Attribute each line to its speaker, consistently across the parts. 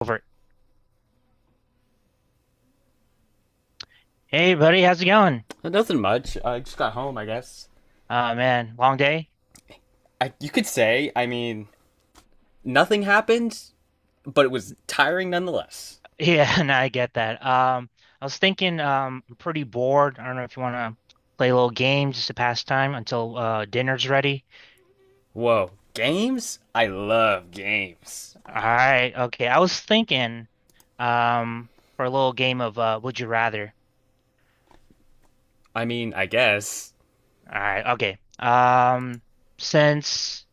Speaker 1: Over. Hey, buddy, how's it going?
Speaker 2: Nothing much. I just got home, I guess.
Speaker 1: Oh man, long day?
Speaker 2: I, you could say, I mean, nothing happened, but it was tiring nonetheless.
Speaker 1: Yeah, no, I get that. I was thinking, I'm pretty bored. I don't know if you want to play a little game just to pass time until dinner's ready.
Speaker 2: Whoa, games? I love games.
Speaker 1: All right, okay. I was thinking, um, for a little game of Would You Rather.
Speaker 2: I mean, I guess.
Speaker 1: All right, okay. Since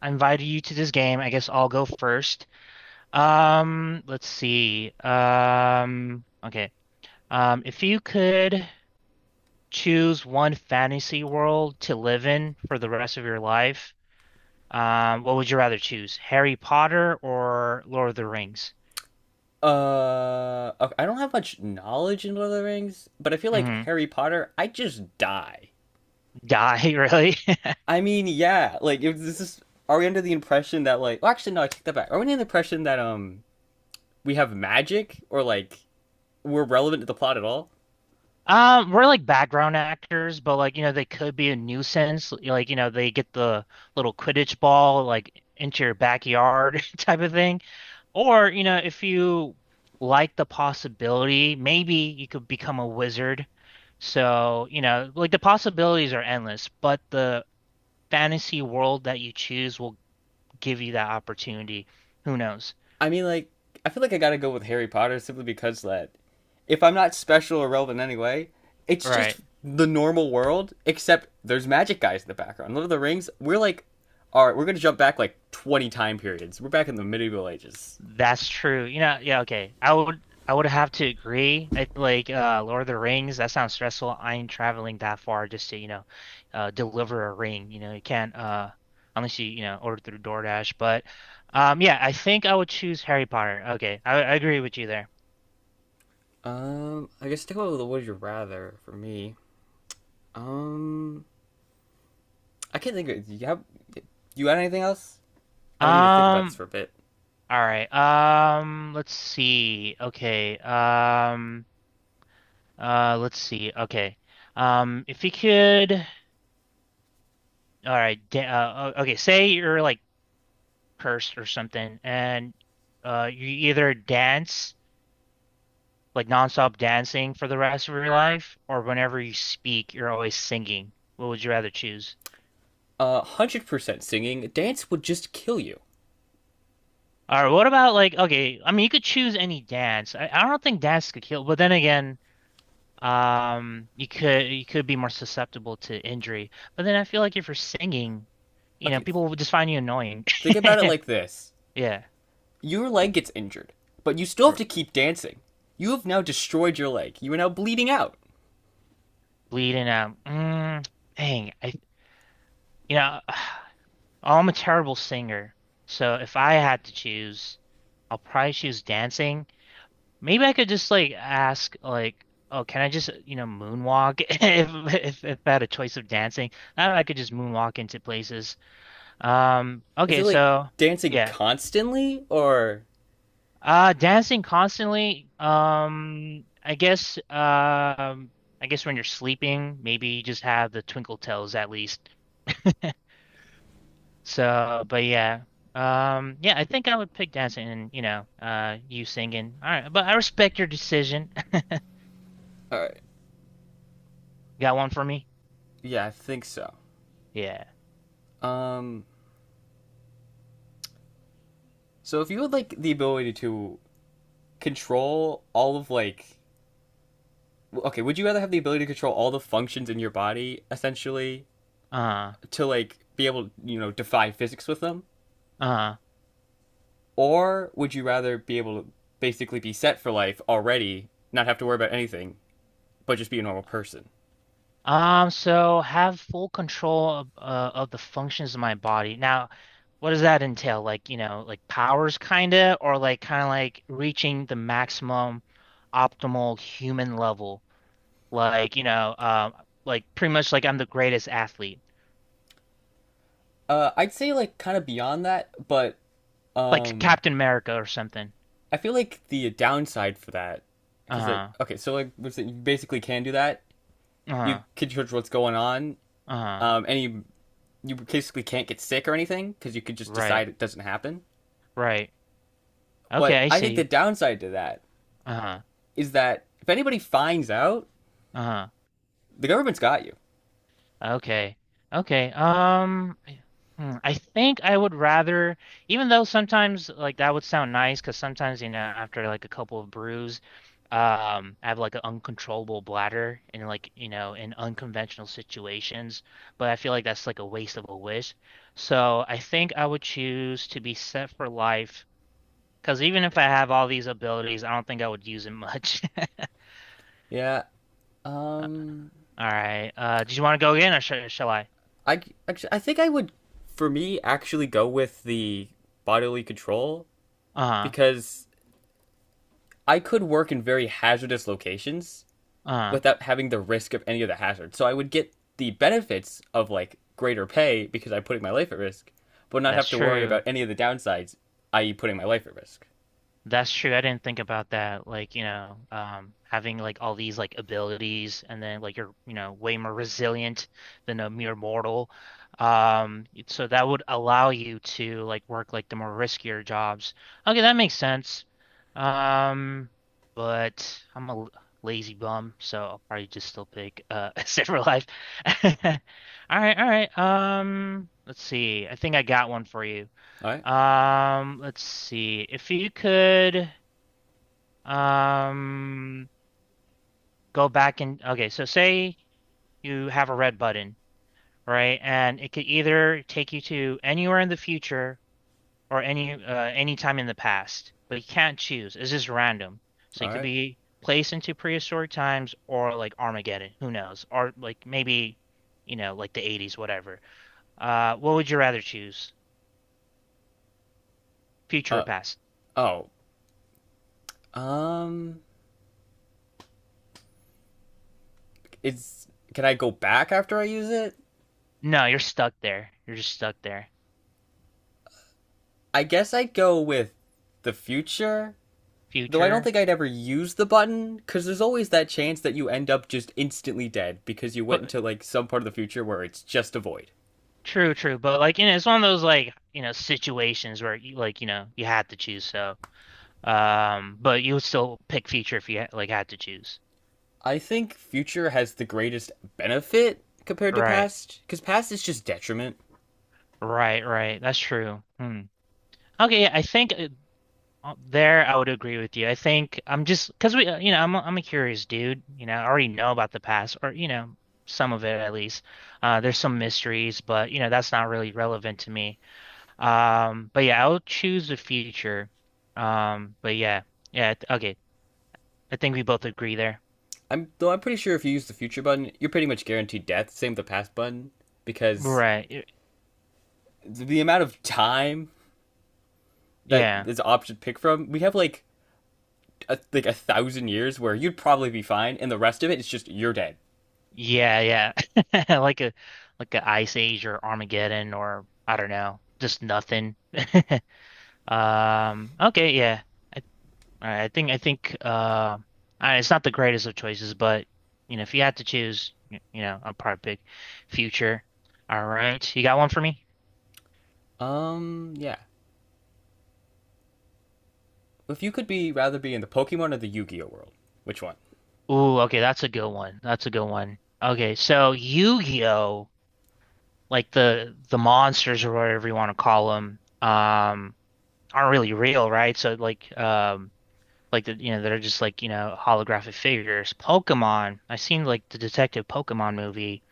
Speaker 1: I invited you to this game, I guess I'll go first. Let's see. Okay. If you could. Choose one fantasy world to live in for the rest of your life, what would you rather choose? Harry Potter or Lord of the Rings?
Speaker 2: Okay, I don't have much knowledge in Lord of the Rings, but I feel like
Speaker 1: hmm
Speaker 2: Harry Potter, I just die.
Speaker 1: Die, really?
Speaker 2: I mean, yeah, like, if this is. Are we under the impression that, like. Well, actually, no, I take that back. Are we under the impression that, we have magic or, like, we're relevant to the plot at all?
Speaker 1: We're like background actors, but like, you know, they could be a nuisance. Like, you know, they get the little Quidditch ball like into your backyard type of thing. Or, you know, if you like the possibility, maybe you could become a wizard. So, you know, like the possibilities are endless, but the fantasy world that you choose will give you that opportunity. Who knows?
Speaker 2: I mean, like, I feel like I gotta go with Harry Potter simply because that if I'm not special or relevant anyway, it's just
Speaker 1: Right.
Speaker 2: the normal world, except there's magic guys in the background. Lord of the Rings, we're like, all right, we're gonna jump back like 20 time periods. We're back in the medieval ages.
Speaker 1: That's true. You know, yeah, okay. I would have to agree. I, like Lord of the Rings, that sounds stressful. I ain't traveling that far just to, you know, deliver a ring. You know, you can't unless you, you know, order through DoorDash. But yeah, I think I would choose Harry Potter. Okay. I agree with you there.
Speaker 2: I guess stick with the Would You Rather for me. Um, I can't think of it. Do you got anything else? I'm gonna need to think about this for
Speaker 1: Um
Speaker 2: a bit.
Speaker 1: all right. Let's see. Okay. Let's see. Okay. If you could, all right. Okay. Say you're like cursed or something, and you either dance like nonstop dancing for the rest of your life, or whenever you speak, you're always singing. What would you rather choose?
Speaker 2: 100% singing, dance would just kill you.
Speaker 1: All right. What about like okay? I mean, you could choose any dance. I don't think dance could kill, but then again, you could be more susceptible to injury. But then I feel like if you're singing, you know,
Speaker 2: Okay,
Speaker 1: people will just find you annoying.
Speaker 2: think about it like this.
Speaker 1: Yeah.
Speaker 2: Your leg gets injured, but you still have to
Speaker 1: R-
Speaker 2: keep dancing. You have now destroyed your leg. You are now bleeding out.
Speaker 1: Bleeding out. Dang. You know, I'm a terrible singer. So if I had to choose, I'll probably choose dancing. Maybe I could just like ask like, oh, can I just, you know, moonwalk if I had a choice of dancing? I could just moonwalk into places.
Speaker 2: Is
Speaker 1: Okay,
Speaker 2: it like
Speaker 1: so
Speaker 2: dancing
Speaker 1: yeah.
Speaker 2: constantly or
Speaker 1: Dancing constantly. I guess when you're sleeping, maybe you just have the twinkle toes at least. So, but yeah. Yeah, I think I would pick dancing and, you know, you singing. All right, but I respect your decision.
Speaker 2: uh,
Speaker 1: Got one for me?
Speaker 2: yeah, I think so.
Speaker 1: Yeah.
Speaker 2: Um so if you had like the ability to control all of like okay, would you rather have the ability to control all the functions in your body essentially
Speaker 1: Uh,
Speaker 2: to like be able to, you know, defy physics with them,
Speaker 1: uh.
Speaker 2: or would you rather be able to basically be set for life already, not have to worry about anything, but just be a normal person?
Speaker 1: So have full control of the functions of my body. Now, what does that entail? Like, you know, like powers kinda, or like kinda like reaching the maximum optimal human level. Like, you know, like pretty much like I'm the greatest athlete.
Speaker 2: I'd say like kind of beyond that, but
Speaker 1: Like
Speaker 2: um,
Speaker 1: Captain America or something.
Speaker 2: I feel like the downside for that, because like
Speaker 1: Uh-huh.
Speaker 2: okay, so like you basically can do that. You
Speaker 1: Uh-huh.
Speaker 2: can judge what's going on,
Speaker 1: Uh-huh.
Speaker 2: and you basically can't get sick or anything because you could just decide
Speaker 1: Right.
Speaker 2: it doesn't happen.
Speaker 1: Right. Okay,
Speaker 2: But
Speaker 1: I
Speaker 2: I think the
Speaker 1: see.
Speaker 2: downside to that
Speaker 1: Uh-huh.
Speaker 2: is that if anybody finds out,
Speaker 1: Uh-huh.
Speaker 2: the government's got you.
Speaker 1: Okay. Okay. I think I would rather, even though sometimes like that would sound nice, because sometimes, you know, after like a couple of brews, I have like an uncontrollable bladder and like, you know, in unconventional situations, but I feel like that's like a waste of a wish. So I think I would choose to be set for life. Because even if I have all these abilities, I don't think I would use it much.
Speaker 2: Yeah. Um,
Speaker 1: All right. Do you want to go again, or sh shall I?
Speaker 2: I actually I think I would for me actually go with the bodily control
Speaker 1: Uh-huh.
Speaker 2: because I could work in very hazardous locations
Speaker 1: Uh-huh.
Speaker 2: without having the risk of any of the hazards. So I would get the benefits of like greater pay because I'm putting my life at risk, but not
Speaker 1: That's
Speaker 2: have to worry
Speaker 1: true.
Speaker 2: about any of the downsides, i.e., putting my life at risk.
Speaker 1: That's true. I didn't think about that. Like, you know, having like all these like abilities and then like you're, you know, way more resilient than a mere mortal. So that would allow you to like work like the more riskier jobs. Okay, that makes sense. Um, but I'm lazy bum, so I'll probably just still pick Sailor Life. All right, all right. Let's see. I think I got one for you.
Speaker 2: All right,
Speaker 1: Let's see. If you could um go back and okay, so say you have a red button, right? And it could either take you to anywhere in the future or any any time in the past, but you can't choose. It's just random. So you
Speaker 2: all
Speaker 1: could
Speaker 2: right.
Speaker 1: be placed into prehistoric times or like Armageddon, who knows? Or like maybe, you know, like the 80s, whatever. What would you rather choose? Future or
Speaker 2: Uh
Speaker 1: past?
Speaker 2: oh. Um, it's can I go back after I use it?
Speaker 1: No, you're stuck there. You're just stuck there.
Speaker 2: I guess I'd go with the future. Though I don't
Speaker 1: Future.
Speaker 2: think I'd ever use the button, because there's always that chance that you end up just instantly dead because you went
Speaker 1: But
Speaker 2: into like some part of the future where it's just a void.
Speaker 1: true, true. But like, you know, it's one of those like, you know, situations where you like, you know, you had to choose. So, but you would still pick Future if you ha like had to choose.
Speaker 2: I think future has the greatest benefit compared to
Speaker 1: Right,
Speaker 2: past, because past is just detriment.
Speaker 1: right, right. That's true. Hmm. Okay, yeah, I think there I would agree with you. I think I'm just because we, you know, I'm a curious dude. You know, I already know about the past, or you know, some of it at least. There's some mysteries, but you know, that's not really relevant to me. But yeah, I'll choose the future. But yeah, yeah, okay. I think we both agree there.
Speaker 2: I'm though I'm pretty sure if you use the future button, you're pretty much guaranteed death. Same with the past button, because
Speaker 1: Right.
Speaker 2: the amount of time that
Speaker 1: Yeah.
Speaker 2: is an option to pick from, we have like like 1,000 years where you'd probably be fine, and the rest of it is just you're dead.
Speaker 1: Yeah, yeah. Like a like a Ice Age or Armageddon or I don't know, just nothing. Okay, yeah. I, all right, it's not the greatest of choices, but you know, if you had to choose, you know, I'll probably pick future. All right. You got one for me?
Speaker 2: Yeah. If you could be rather be in the Pokemon or the Yu-Gi-Oh world, which one?
Speaker 1: Ooh, okay, that's a good one. That's a good one. Okay, so Yu-Gi-Oh, like the monsters or whatever you want to call them, aren't really real, right? So like the you know they're just like you know holographic figures. Pokemon, I seen like the Detective Pokemon movie,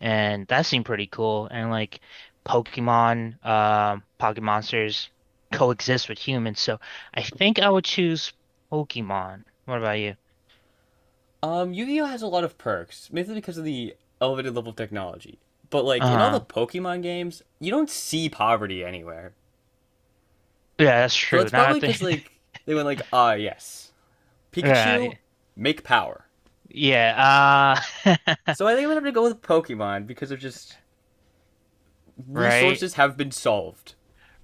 Speaker 1: and that seemed pretty cool. And like Pokemon, Pocket monsters coexist with humans, so I think I would choose Pokemon. What about you?
Speaker 2: Yu-Gi-Oh has a lot of perks, mainly because of the elevated level of technology. But like in all the
Speaker 1: Uh-huh.
Speaker 2: Pokemon games, you don't see poverty anywhere.
Speaker 1: Yeah, that's
Speaker 2: So
Speaker 1: true.
Speaker 2: it's
Speaker 1: Now
Speaker 2: probably
Speaker 1: that I
Speaker 2: because
Speaker 1: think
Speaker 2: like they went like, ah, yes, Pikachu,
Speaker 1: right.
Speaker 2: make power.
Speaker 1: Yeah. Uh
Speaker 2: So I think I'm gonna have to go with Pokemon because of just
Speaker 1: right.
Speaker 2: resources have been solved.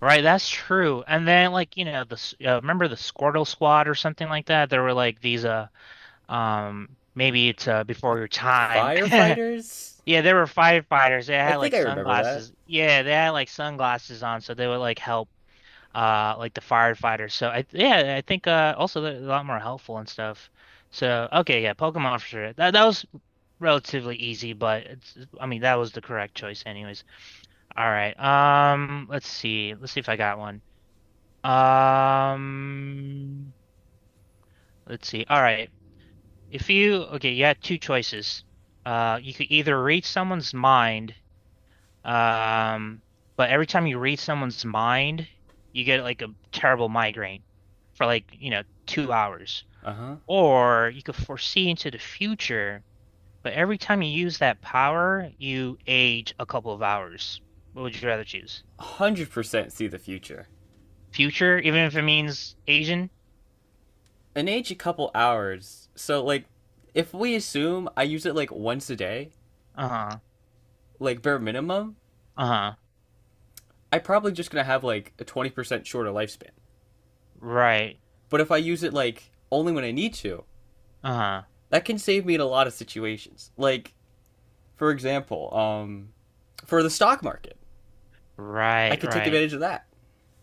Speaker 1: Right, that's true. And then like, you know, remember the Squirtle Squad or something like that? There were like these maybe it's before your time.
Speaker 2: Firefighters,
Speaker 1: Yeah, there were firefighters. They
Speaker 2: I
Speaker 1: had
Speaker 2: think
Speaker 1: like
Speaker 2: I remember that.
Speaker 1: sunglasses. Yeah, they had like sunglasses on so they would like help like the firefighters. So I yeah, I think also they're a lot more helpful and stuff. So okay, yeah, Pokemon for sure. That was relatively easy, but it's I mean that was the correct choice anyways. All right. Let's see. Let's see if I got one. Um, let's see. All right. If you okay, you had two choices. You could either read someone's mind, um, but every time you read someone's mind, you get like a terrible migraine for like, you know, 2 hours.
Speaker 2: Uh huh.
Speaker 1: Or you could foresee into the future, but every time you use that power, you age a couple of hours. What would you rather choose?
Speaker 2: 100% see the future.
Speaker 1: Future, even if it means Asian?
Speaker 2: An age a couple hours. So like, if we assume I use it like once a day,
Speaker 1: Uh-huh.
Speaker 2: like bare minimum,
Speaker 1: Uh-huh.
Speaker 2: I'm probably just gonna have like a 20% shorter lifespan.
Speaker 1: Right.
Speaker 2: But if I use it like only when I need to,
Speaker 1: Uh-huh.
Speaker 2: that can save me in a lot of situations. Like, for example, for the stock market, I
Speaker 1: Right,
Speaker 2: could take
Speaker 1: right.
Speaker 2: advantage of that.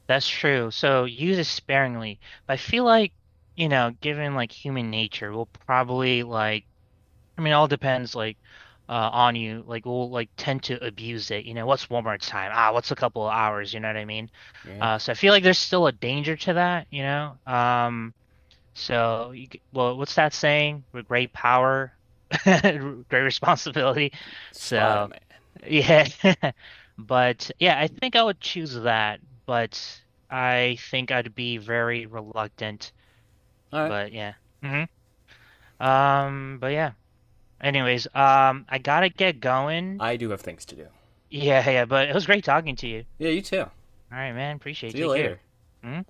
Speaker 1: That's true. So use it sparingly. But I feel like, you know, given like human nature, we'll probably like I mean, it all depends like on you. Like we'll like tend to abuse it. You know, what's one more time? Ah, what's a couple of hours, you know what I mean?
Speaker 2: Yeah.
Speaker 1: So I feel like there's still a danger to that, you know? So you, well, what's that saying? With great power, great responsibility.
Speaker 2: Spider
Speaker 1: So
Speaker 2: Man.
Speaker 1: yeah. But yeah, I think I would choose that, but I think I'd be very reluctant.
Speaker 2: All right.
Speaker 1: But yeah. hmm but yeah. Anyways, I gotta get going.
Speaker 2: I do have things to do.
Speaker 1: Yeah, yeah, but it was great talking to you.
Speaker 2: Yeah, you too.
Speaker 1: All right, man. Appreciate it.
Speaker 2: See you
Speaker 1: Take
Speaker 2: later.
Speaker 1: care. Mhm.